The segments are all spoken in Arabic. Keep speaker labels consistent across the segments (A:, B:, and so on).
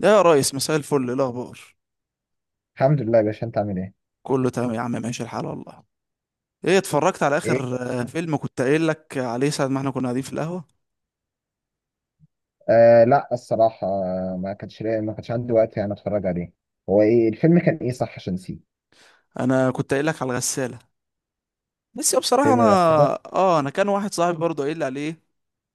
A: يا ريس، مساء الفل، إيه الاخبار؟
B: الحمد لله يا باشا، انت عامل ايه؟
A: كله تمام يا عم، ماشي الحال والله. ايه، اتفرجت على
B: ايه؟
A: اخر فيلم كنت قايل لك عليه ساعه ما احنا كنا قاعدين في القهوه؟
B: آه، لا الصراحة، ما كانش عندي وقت يعني اتفرج عليه. هو ايه الفيلم، كان ايه صح عشان نسيه؟
A: انا كنت قايل لك على الغساله، بس بصراحه
B: فيلم
A: انا...
B: الغسالة؟
A: اه، انا كان واحد صاحبي برضه قايل لي عليه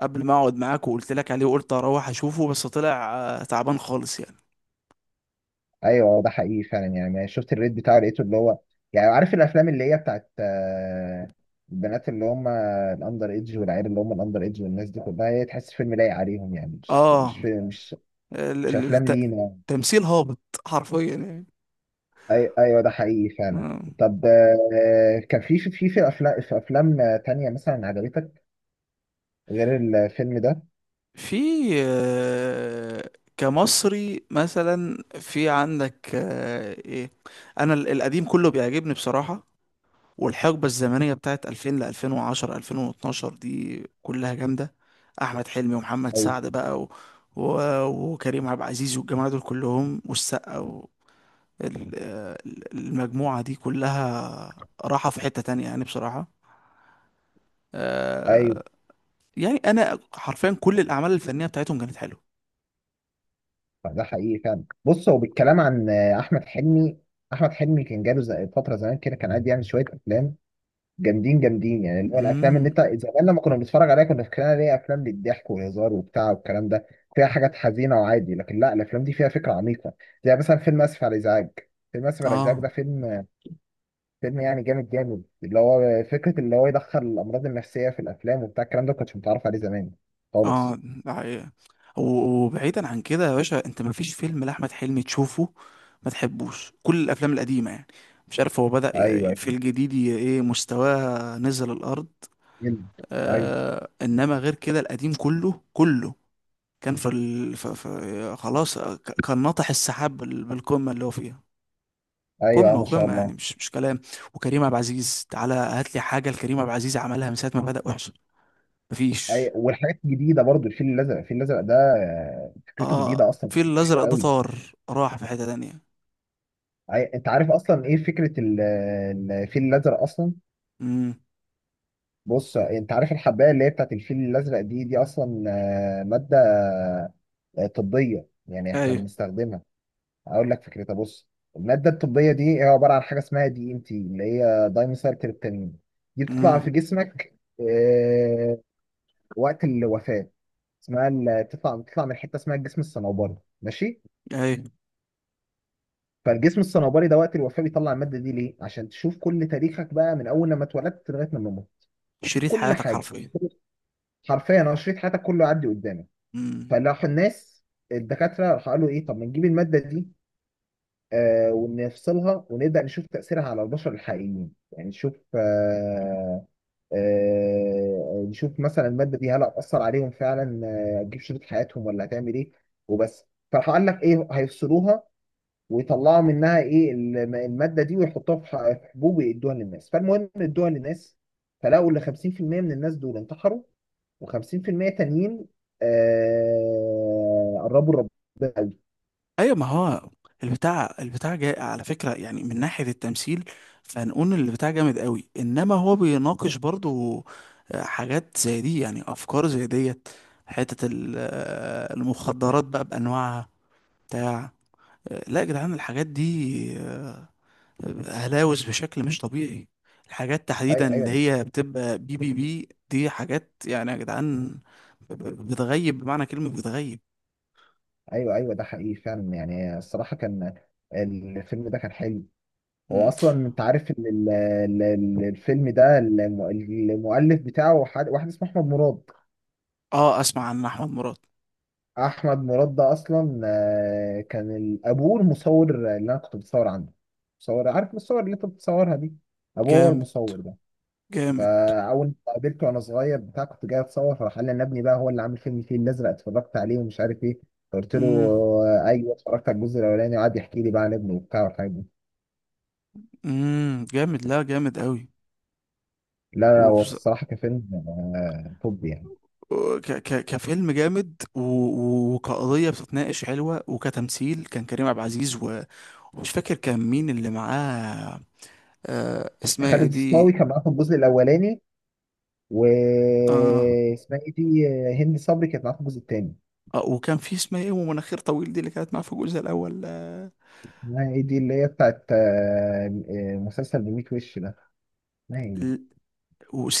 A: قبل ما اقعد معاك وقلت لك عليه، وقلت اروح اشوفه بس طلع تعبان خالص يعني.
B: ايوه، ده حقيقي فعلا، يعني ما شفت الريت بتاعه لقيته اللي هو، يعني عارف الافلام اللي هي بتاعت البنات اللي هم الاندر ايدج، والعيال اللي هم الاندر ايدج، والناس دي كلها، هي تحس فيلم لايق عليهم يعني، مش
A: اه.
B: فيلم، مش
A: ال-
B: مش
A: ال-
B: افلام
A: الت-
B: لينا يعني.
A: تمثيل هابط، حرفيا يعني.
B: أي ايوه، ده حقيقي فعلا.
A: آه.
B: طب، كان في افلام تانية مثلا عجبتك غير الفيلم ده؟
A: في كمصري مثلا في عندك ايه، انا القديم كله بيعجبني بصراحة. والحقبة الزمنية بتاعت 2000 ل 2010 2012 دي كلها جامدة. احمد حلمي ومحمد سعد
B: ايوه،
A: بقى و... و... وكريم عبد العزيز والجماعة دول كلهم والسقا و... المجموعة دي كلها راحة في حتة تانية يعني بصراحة.
B: ايوه،
A: آه، يعني انا حرفيا كل الاعمال الفنية بتاعتهم كانت حلوة.
B: ده حقيقي فعلا. بص، هو بالكلام عن احمد حلمي، احمد حلمي كان جاله فتره زمان كده كان قاعد يعمل شويه افلام جامدين جامدين، يعني اللي هو الافلام اللي
A: امم
B: انت زمان لما كنا بنتفرج عليها كنا فاكرينها ليه افلام للضحك والهزار وبتاع والكلام ده، فيها حاجات حزينه وعادي، لكن لا، الافلام دي فيها فكره عميقه. زي مثلا فيلم اسف على الازعاج. فيلم اسف على الازعاج
A: اه،
B: ده فيلم يعني جامد جامد، اللي هو فكره اللي هو يدخل الامراض النفسيه في الافلام وبتاع الكلام ده، ما كنتش متعرف عليه زمان خالص.
A: اه، ده حقيقة. وبعيدا عن كده يا باشا، انت مفيش فيلم لاحمد حلمي تشوفه ما تحبوش؟ كل الافلام القديمه يعني، مش عارف هو بدأ
B: ايوه، ايوه،
A: في الجديد، ايه، مستواه نزل الارض.
B: ايوه،
A: آه، انما غير كده القديم كله كله كان في, ال... في... في... خلاص. كان ناطح السحاب بالقمه اللي هو فيها.
B: ايوه،
A: قمه
B: ما شاء
A: وقمه يعني،
B: الله.
A: مش كلام. وكريم عبد العزيز، تعالى هات لي حاجه لكريم عبد العزيز عملها من ساعه ما بدأ وحش،
B: أي،
A: مفيش.
B: والحاجات الجديده برضو الفيل الازرق، الفيل الازرق ده فكرته
A: اه،
B: جديده اصلا،
A: الفيل
B: فكرته حلوه
A: الازرق ده
B: قوي.
A: طار راح في حتة تانية.
B: انت عارف اصلا ايه فكره الفيل الازرق اصلا؟
A: امم.
B: بص، انت عارف الحبايه اللي هي بتاعت الفيل الازرق دي اصلا، ماده طبيه يعني احنا
A: ايوه.
B: بنستخدمها. اقول لك فكرتها، بص. الماده الطبيه دي هي عباره عن حاجه اسمها DNT، اللي هي دايميثايل تريبتامين. دي بتطلع
A: امم.
B: في جسمك وقت الوفاه. اسمها، بتطلع من حته اسمها الجسم الصنوبري، ماشي.
A: ايوه.
B: فالجسم الصنوبري ده وقت الوفاة بيطلع المادة دي ليه؟ عشان تشوف كل تاريخك بقى من أول لما اتولدت لغاية لما موت، تشوف
A: شريط
B: كل
A: حياتك
B: حاجة.
A: حرفيا.
B: حرفيا، أنا شريط حياتك كله يعدي قدامك.
A: امم.
B: فراح الناس، الدكاترة، راح قالوا إيه، طب ما نجيب المادة دي ونفصلها، ونبدأ نشوف تأثيرها على البشر الحقيقيين، يعني نشوف، نشوف مثلا المادة دي هل هتأثر عليهم فعلا، هتجيب شريط حياتهم ولا هتعمل إيه، وبس. فراح قال لك إيه، هيفصلوها ويطلعوا منها ايه الماده دي، ويحطوها في حبوب ويدوها للناس. فالمهم، ادوها للناس، فلقوا ان 50% من الناس دول انتحروا، و50% تانيين قربوا ربنا قوي.
A: ايوه، ما هو البتاع جاي على فكرة يعني، من ناحية التمثيل فنقول ان البتاع جامد قوي، انما هو بيناقش برضو حاجات زي دي، يعني افكار زي ديت. حتة المخدرات بقى بانواعها بتاع. لا يا جدعان، الحاجات دي آه، هلاوس بشكل مش طبيعي. الحاجات تحديدا
B: ايوه، ايوه،
A: اللي هي بتبقى بي دي حاجات يعني يا جدعان، بتغيب بمعنى كلمة بتغيب.
B: ايوه، ايوه، ده حقيقي فعلا يعني. الصراحه، الفيلم ده كان حلو. هو
A: مم.
B: اصلا، انت عارف ان الفيلم ده المؤلف بتاعه واحد اسمه احمد مراد.
A: اه، اسمع عن احمد مراد.
B: احمد مراد ده اصلا كان ابوه المصور اللي انا كنت بتصور عنده. مصور، عارف الصور اللي انت بتصورها دي، ابوه هو
A: جامد،
B: المصور ده.
A: جامد.
B: فاول ما قابلته وانا صغير بتاع، كنت جاي اتصور، فراح قال لي انا ابني بقى هو اللي عامل فيلم الفيل الازرق، اتفرجت عليه ومش عارف ايه. فقلت له،
A: امم.
B: ايوه اتفرجت على الجزء الاولاني، وقعد يحكي لي بقى عن ابنه وبتاع والحاجات دي.
A: امم. جامد، لا جامد قوي.
B: لا، لا، هو
A: وبص...
B: الصراحه كفيلم توب يعني.
A: كفيلم جامد وكقضية بتتناقش حلوة، وكتمثيل كان كريم عبد العزيز و... ومش فاكر كان مين اللي معاه. اسمها ايه
B: خالد
A: دي؟
B: الصاوي كان معاه في الجزء الاولاني،
A: اه،
B: واسمها ايه دي، هند صبري كانت معاه في الجزء الثاني.
A: اه، وكان في اسمها ايه ومناخير طويل دي اللي كانت معاه في الجزء الاول.
B: اسمها ايه دي، اللي هي بتاعت مسلسل بميت وش ده، اسمها ايه؟
A: ال-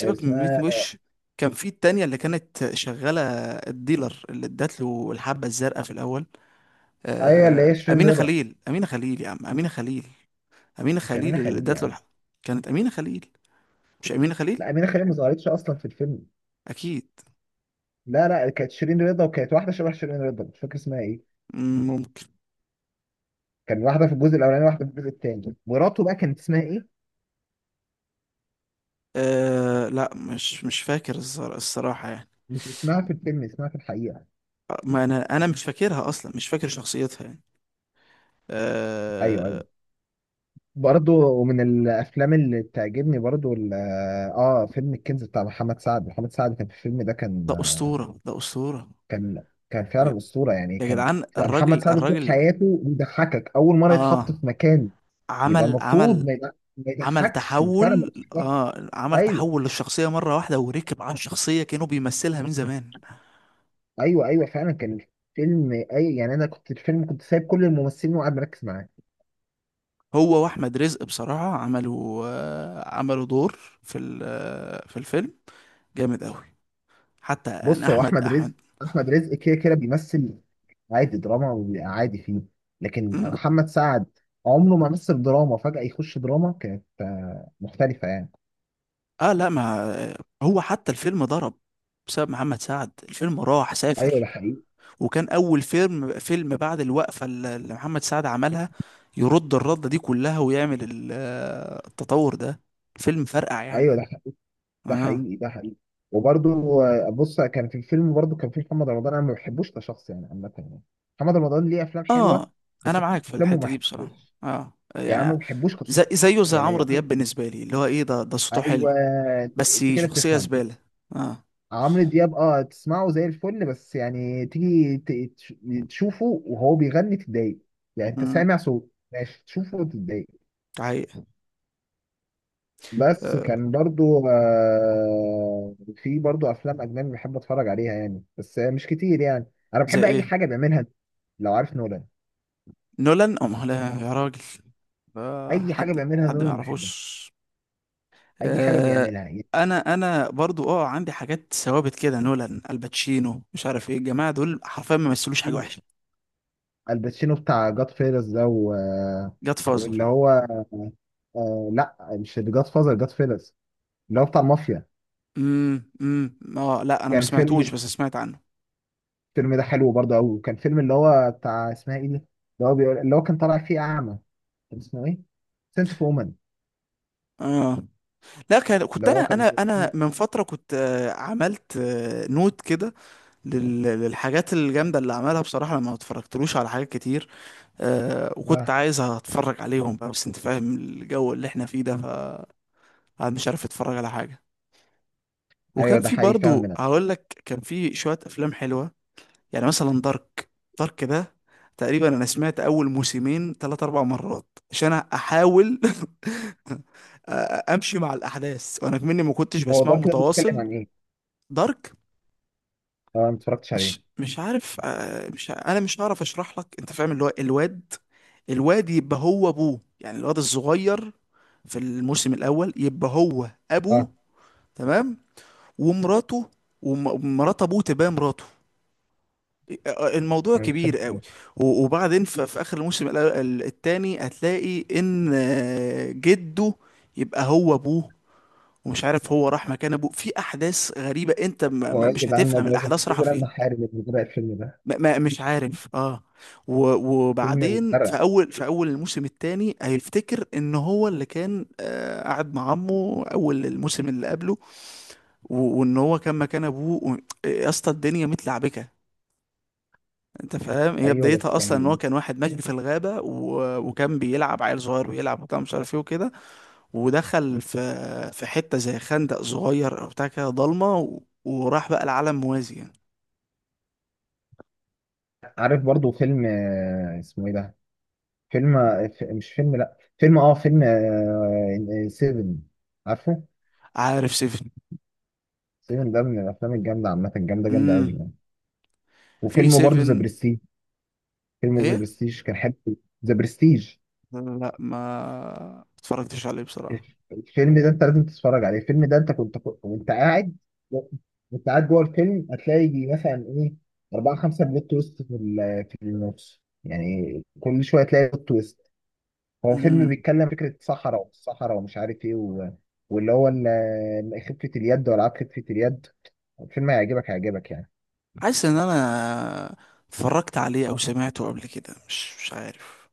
A: من 100
B: اسمها،
A: وش. كان في التانية اللي كانت شغالة، الديلر اللي ادت له الحبة الزرقاء في الأول.
B: ايوه، اللي هي شيرين
A: أمينة
B: رضا،
A: خليل، أمينة خليل يا عم، أمينة خليل. أمينة
B: مش امينه
A: خليل اللي
B: خليل
A: ادت له
B: يعني.
A: الحبة، كانت أمينة خليل، مش أمينة خليل
B: لا، امينه خليل ما ظهرتش اصلا في الفيلم.
A: أكيد.
B: لا، لا، كانت شيرين رضا، وكانت واحده شبه شيرين رضا مش فاكر اسمها ايه.
A: مم، ممكن.
B: كان واحده في الجزء الاولاني، واحده في الجزء الثاني، مراته بقى كانت اسمها ايه،
A: أه، لا مش فاكر الصراحة يعني.
B: مش اسمها في الفيلم، اسمها في الحقيقه.
A: ما أنا مش فاكرها أصلا، مش فاكر شخصيتها يعني.
B: ايوه، ايوه.
A: أه.
B: برضه من الافلام اللي بتعجبني برضه، فيلم الكنز بتاع محمد سعد. محمد سعد كان في الفيلم ده،
A: ده أسطورة، ده أسطورة.
B: كان كان فعلا اسطوره يعني،
A: يا
B: كان
A: جدعان،
B: لأن محمد
A: الراجل
B: سعد طول
A: الراجل.
B: حياته بيضحكك، اول مره
A: اه،
B: يتحط في مكان يبقى
A: عمل
B: المفروض
A: عمل
B: ما
A: عمل
B: يضحكش، وفعلا ما
A: تحول،
B: يضحكش.
A: اه، عمل
B: ايوه،
A: تحول للشخصية مرة واحدة وركب على الشخصية كانوا بيمثلها من زمان.
B: ايوه، ايوه، فعلا كان الفيلم يعني، انا كنت الفيلم، كنت سايب كل الممثلين وقاعد مركز معاه.
A: هو واحمد رزق بصراحة عملوا، عملوا دور في ال- آه في الفيلم جامد قوي. حتى يعني،
B: بص، هو
A: احمد،
B: احمد
A: احمد.
B: رزق، احمد رزق كده كده بيمثل عادي دراما وبيبقى عادي فيه. لكن
A: مم.
B: محمد سعد عمره ما مثل دراما، فجأة يخش دراما كانت مختلفة يعني.
A: اه، لا ما هو حتى الفيلم ضرب بسبب محمد سعد، الفيلم راح
B: ايوه،
A: سافر.
B: ده حقيقي،
A: وكان اول فيلم بعد الوقفه اللي محمد سعد عملها، يرد الرده دي كلها ويعمل التطور ده، فيلم فرقع يعني.
B: ايوه، ده
A: اه،
B: حقيقي، ده حقيقي. وبرضو بص، كان في الفيلم برضو كان في محمد رمضان، انا ما بحبوش كشخص يعني، عامه يعني. محمد رمضان ليه افلام حلوه،
A: اه، انا
B: بس في
A: معاك في
B: افلامه ما
A: الحته دي بصراحه،
B: بحبوش،
A: اه
B: يعني انا ما
A: يعني،
B: بحبوش كشخص
A: زي زيه زي
B: يعني،
A: عمرو دياب بالنسبه لي، اللي هو ايه، ده صوته حلو
B: ايوه،
A: بس
B: انت كده
A: شخصيه
B: بتفهم.
A: زباله. اه.
B: عمرو دياب، تسمعه زي الفل، بس يعني تيجي تشوفه وهو بيغني تتضايق. يعني انت
A: امم
B: سامع صوت ماشي، تشوفه وتتضايق.
A: حقيقة.
B: بس
A: آه.
B: كان برضو في برضو افلام اجنبي بحب اتفرج عليها يعني، بس مش كتير يعني. انا
A: زي
B: بحب اي
A: ايه؟
B: حاجه بيعملها لو عارف نولان،
A: نولان ام لا يا راجل؟ آه.
B: اي حاجه
A: حد
B: بيعملها،
A: حد ما
B: نولان بحبها،
A: يعرفوش.
B: اي حاجه
A: آه،
B: بيعملها يعني.
A: انا برضو اه، عندي حاجات ثوابت كده، نولان، الباتشينو، مش عارف ايه، الجماعه دول حرفيا ما مثلوش حاجه
B: الباتشينو،
A: وحشه.
B: الباتشينو بتاع جاد فيلز ده و... آه،
A: جاد فازر.
B: واللي هو، لا مش جاد فازر، جاد فيلز، اللي هو بتاع المافيا.
A: امم، امم. اه، لا انا ما
B: كان
A: سمعتوش
B: فيلم،
A: بس سمعت عنه.
B: الفيلم ده حلو برضو قوي. وكان فيلم اللي هو بتاع اسمها ايه دي، اللي هو بيقول، اللي هو كان طالع فيه اعمى، كان اسمه ايه، سنت اوف وومن.
A: اه، لا
B: اللي
A: كنت
B: هو
A: انا من فتره كنت عملت نوت كده للحاجات الجامده اللي عملها بصراحه، لما ما اتفرجتلوش على حاجات كتير. وكنت
B: آه.
A: عايز اتفرج عليهم بقى، بس انت فاهم الجو اللي احنا فيه ده، فمش عارف اتفرج على حاجه.
B: ايوه،
A: وكان
B: ده
A: في
B: حقيقي فعلا.
A: برضو،
B: من
A: هقول لك كان في شوية افلام حلوة، يعني مثلا دارك. دارك ده تقريبا انا سمعت اول موسمين ثلاث اربع مرات عشان احاول امشي مع الاحداث، وانا مني ما كنتش
B: هو
A: بسمعه
B: دارك ده، بيتكلم
A: متواصل.
B: عن ايه؟
A: دارك
B: اه، انا ما اتفرجتش عليه.
A: مش عارف. آه، مش ع- انا مش هعرف اشرح لك، انت فاهم اللي هو الواد، الواد يبقى هو ابوه يعني، الواد الصغير في الموسم الاول يبقى هو
B: اه،
A: ابوه. تمام. ومراته، ومرات ابوه تبقى مراته. الموضوع
B: انا مش فاهم
A: كبير قوي.
B: شوية.
A: وبعدين في اخر الموسم التاني هتلاقي ان جده يبقى هو ابوه. ومش عارف هو راح مكان ابوه في احداث غريبة، انت
B: هو ايه يا
A: مش
B: جدعان
A: هتفهم
B: الموضوع، مثلا
A: الاحداث
B: ايه
A: رايحة
B: سبب
A: فين.
B: المحارب اللي بدأ الفيلم ده؟
A: مش عارف. اه.
B: فيلم
A: وبعدين
B: متفرق،
A: في اول الموسم التاني هيفتكر ان هو اللي كان قاعد مع عمه اول الموسم اللي قبله، وان هو كان مكان ابوه يا اسطى الدنيا متلعبكه. انت فاهم، هي
B: ايوه
A: بدايتها
B: بس
A: اصلا ان هو
B: يعني.
A: كان واحد ماشي في الغابه و... وكان بيلعب عيل صغير ويلعب وبتاع مش عارف ايه وكده، ودخل في حته زي خندق صغير او بتاع كده ضلمه، وراح بقى العالم موازي يعني.
B: عارف برضو فيلم اسمه ايه ده؟ فيلم مش فيلم، لا فيلم، فيلم 7، عارفه؟
A: عارف سيفن.
B: 7 ده من الافلام الجامده عامه، جامده جامده قوي
A: امم.
B: يعني.
A: في
B: وفيلم برضو ذا
A: سيفن؟
B: برستيج، فيلم ذا
A: ايه؟
B: برستيج كان حلو. ذا برستيج،
A: لا، ما اتفرجتش عليه بصراحه.
B: الفيلم ده انت لازم تتفرج عليه. الفيلم ده، انت كنت وانت قاعد جوه الفيلم هتلاقي يجي مثلا ايه اربعة خمسة بلوت تويست في النص، يعني كل شوية تلاقي بلوت تويست. هو فيلم
A: امم،
B: بيتكلم فكرة صحراء، والصحراء ومش عارف ايه واللي هو خفة اليد، والعاب خفة اليد. الفيلم هيعجبك، هيعجبك يعني،
A: حاسس ان انا اتفرجت عليه او سمعته قبل كده، مش عارف.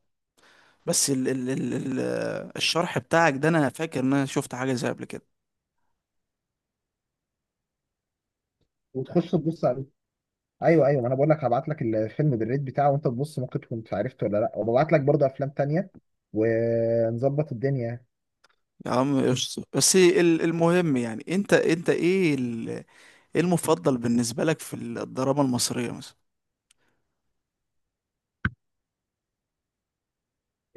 A: بس الشرح بتاعك ده، انا فاكر ان انا شفت حاجه زي قبل كده.
B: وتخش تبص عليه. ايوه، ايوه، ما انا بقول لك هبعت لك الفيلم بالريت بتاعه وانت تبص، ممكن تكون عرفته ولا لا، وببعت لك برضه افلام تانية، ونظبط الدنيا.
A: يا عم قشطة، بس المهم يعني، انت ايه ايه المفضل بالنسبة لك في الدراما المصرية مثلا؟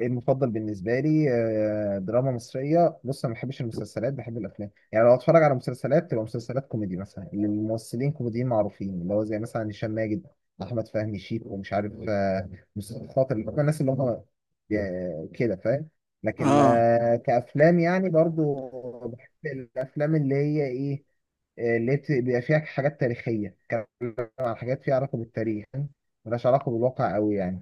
B: المفضل بالنسبه لي دراما مصريه، بص انا ما بحبش المسلسلات، بحب الافلام. يعني لو اتفرج على مسلسلات تبقى مسلسلات كوميدي، مثلا اللي الممثلين كوميديين معروفين، اللي هو زي مثلا هشام ماجد، احمد فهمي، شيكو، ومش عارف مصطفى خاطر، اللي هم الناس اللي هم كده فاهم. لكن
A: اه.
B: كافلام يعني، برضو بحب الافلام اللي هي ايه، اللي بيبقى فيها حاجات تاريخيه، بتتكلم عن حاجات فيها علاقه بالتاريخ، ملهاش علاقه بالواقع قوي يعني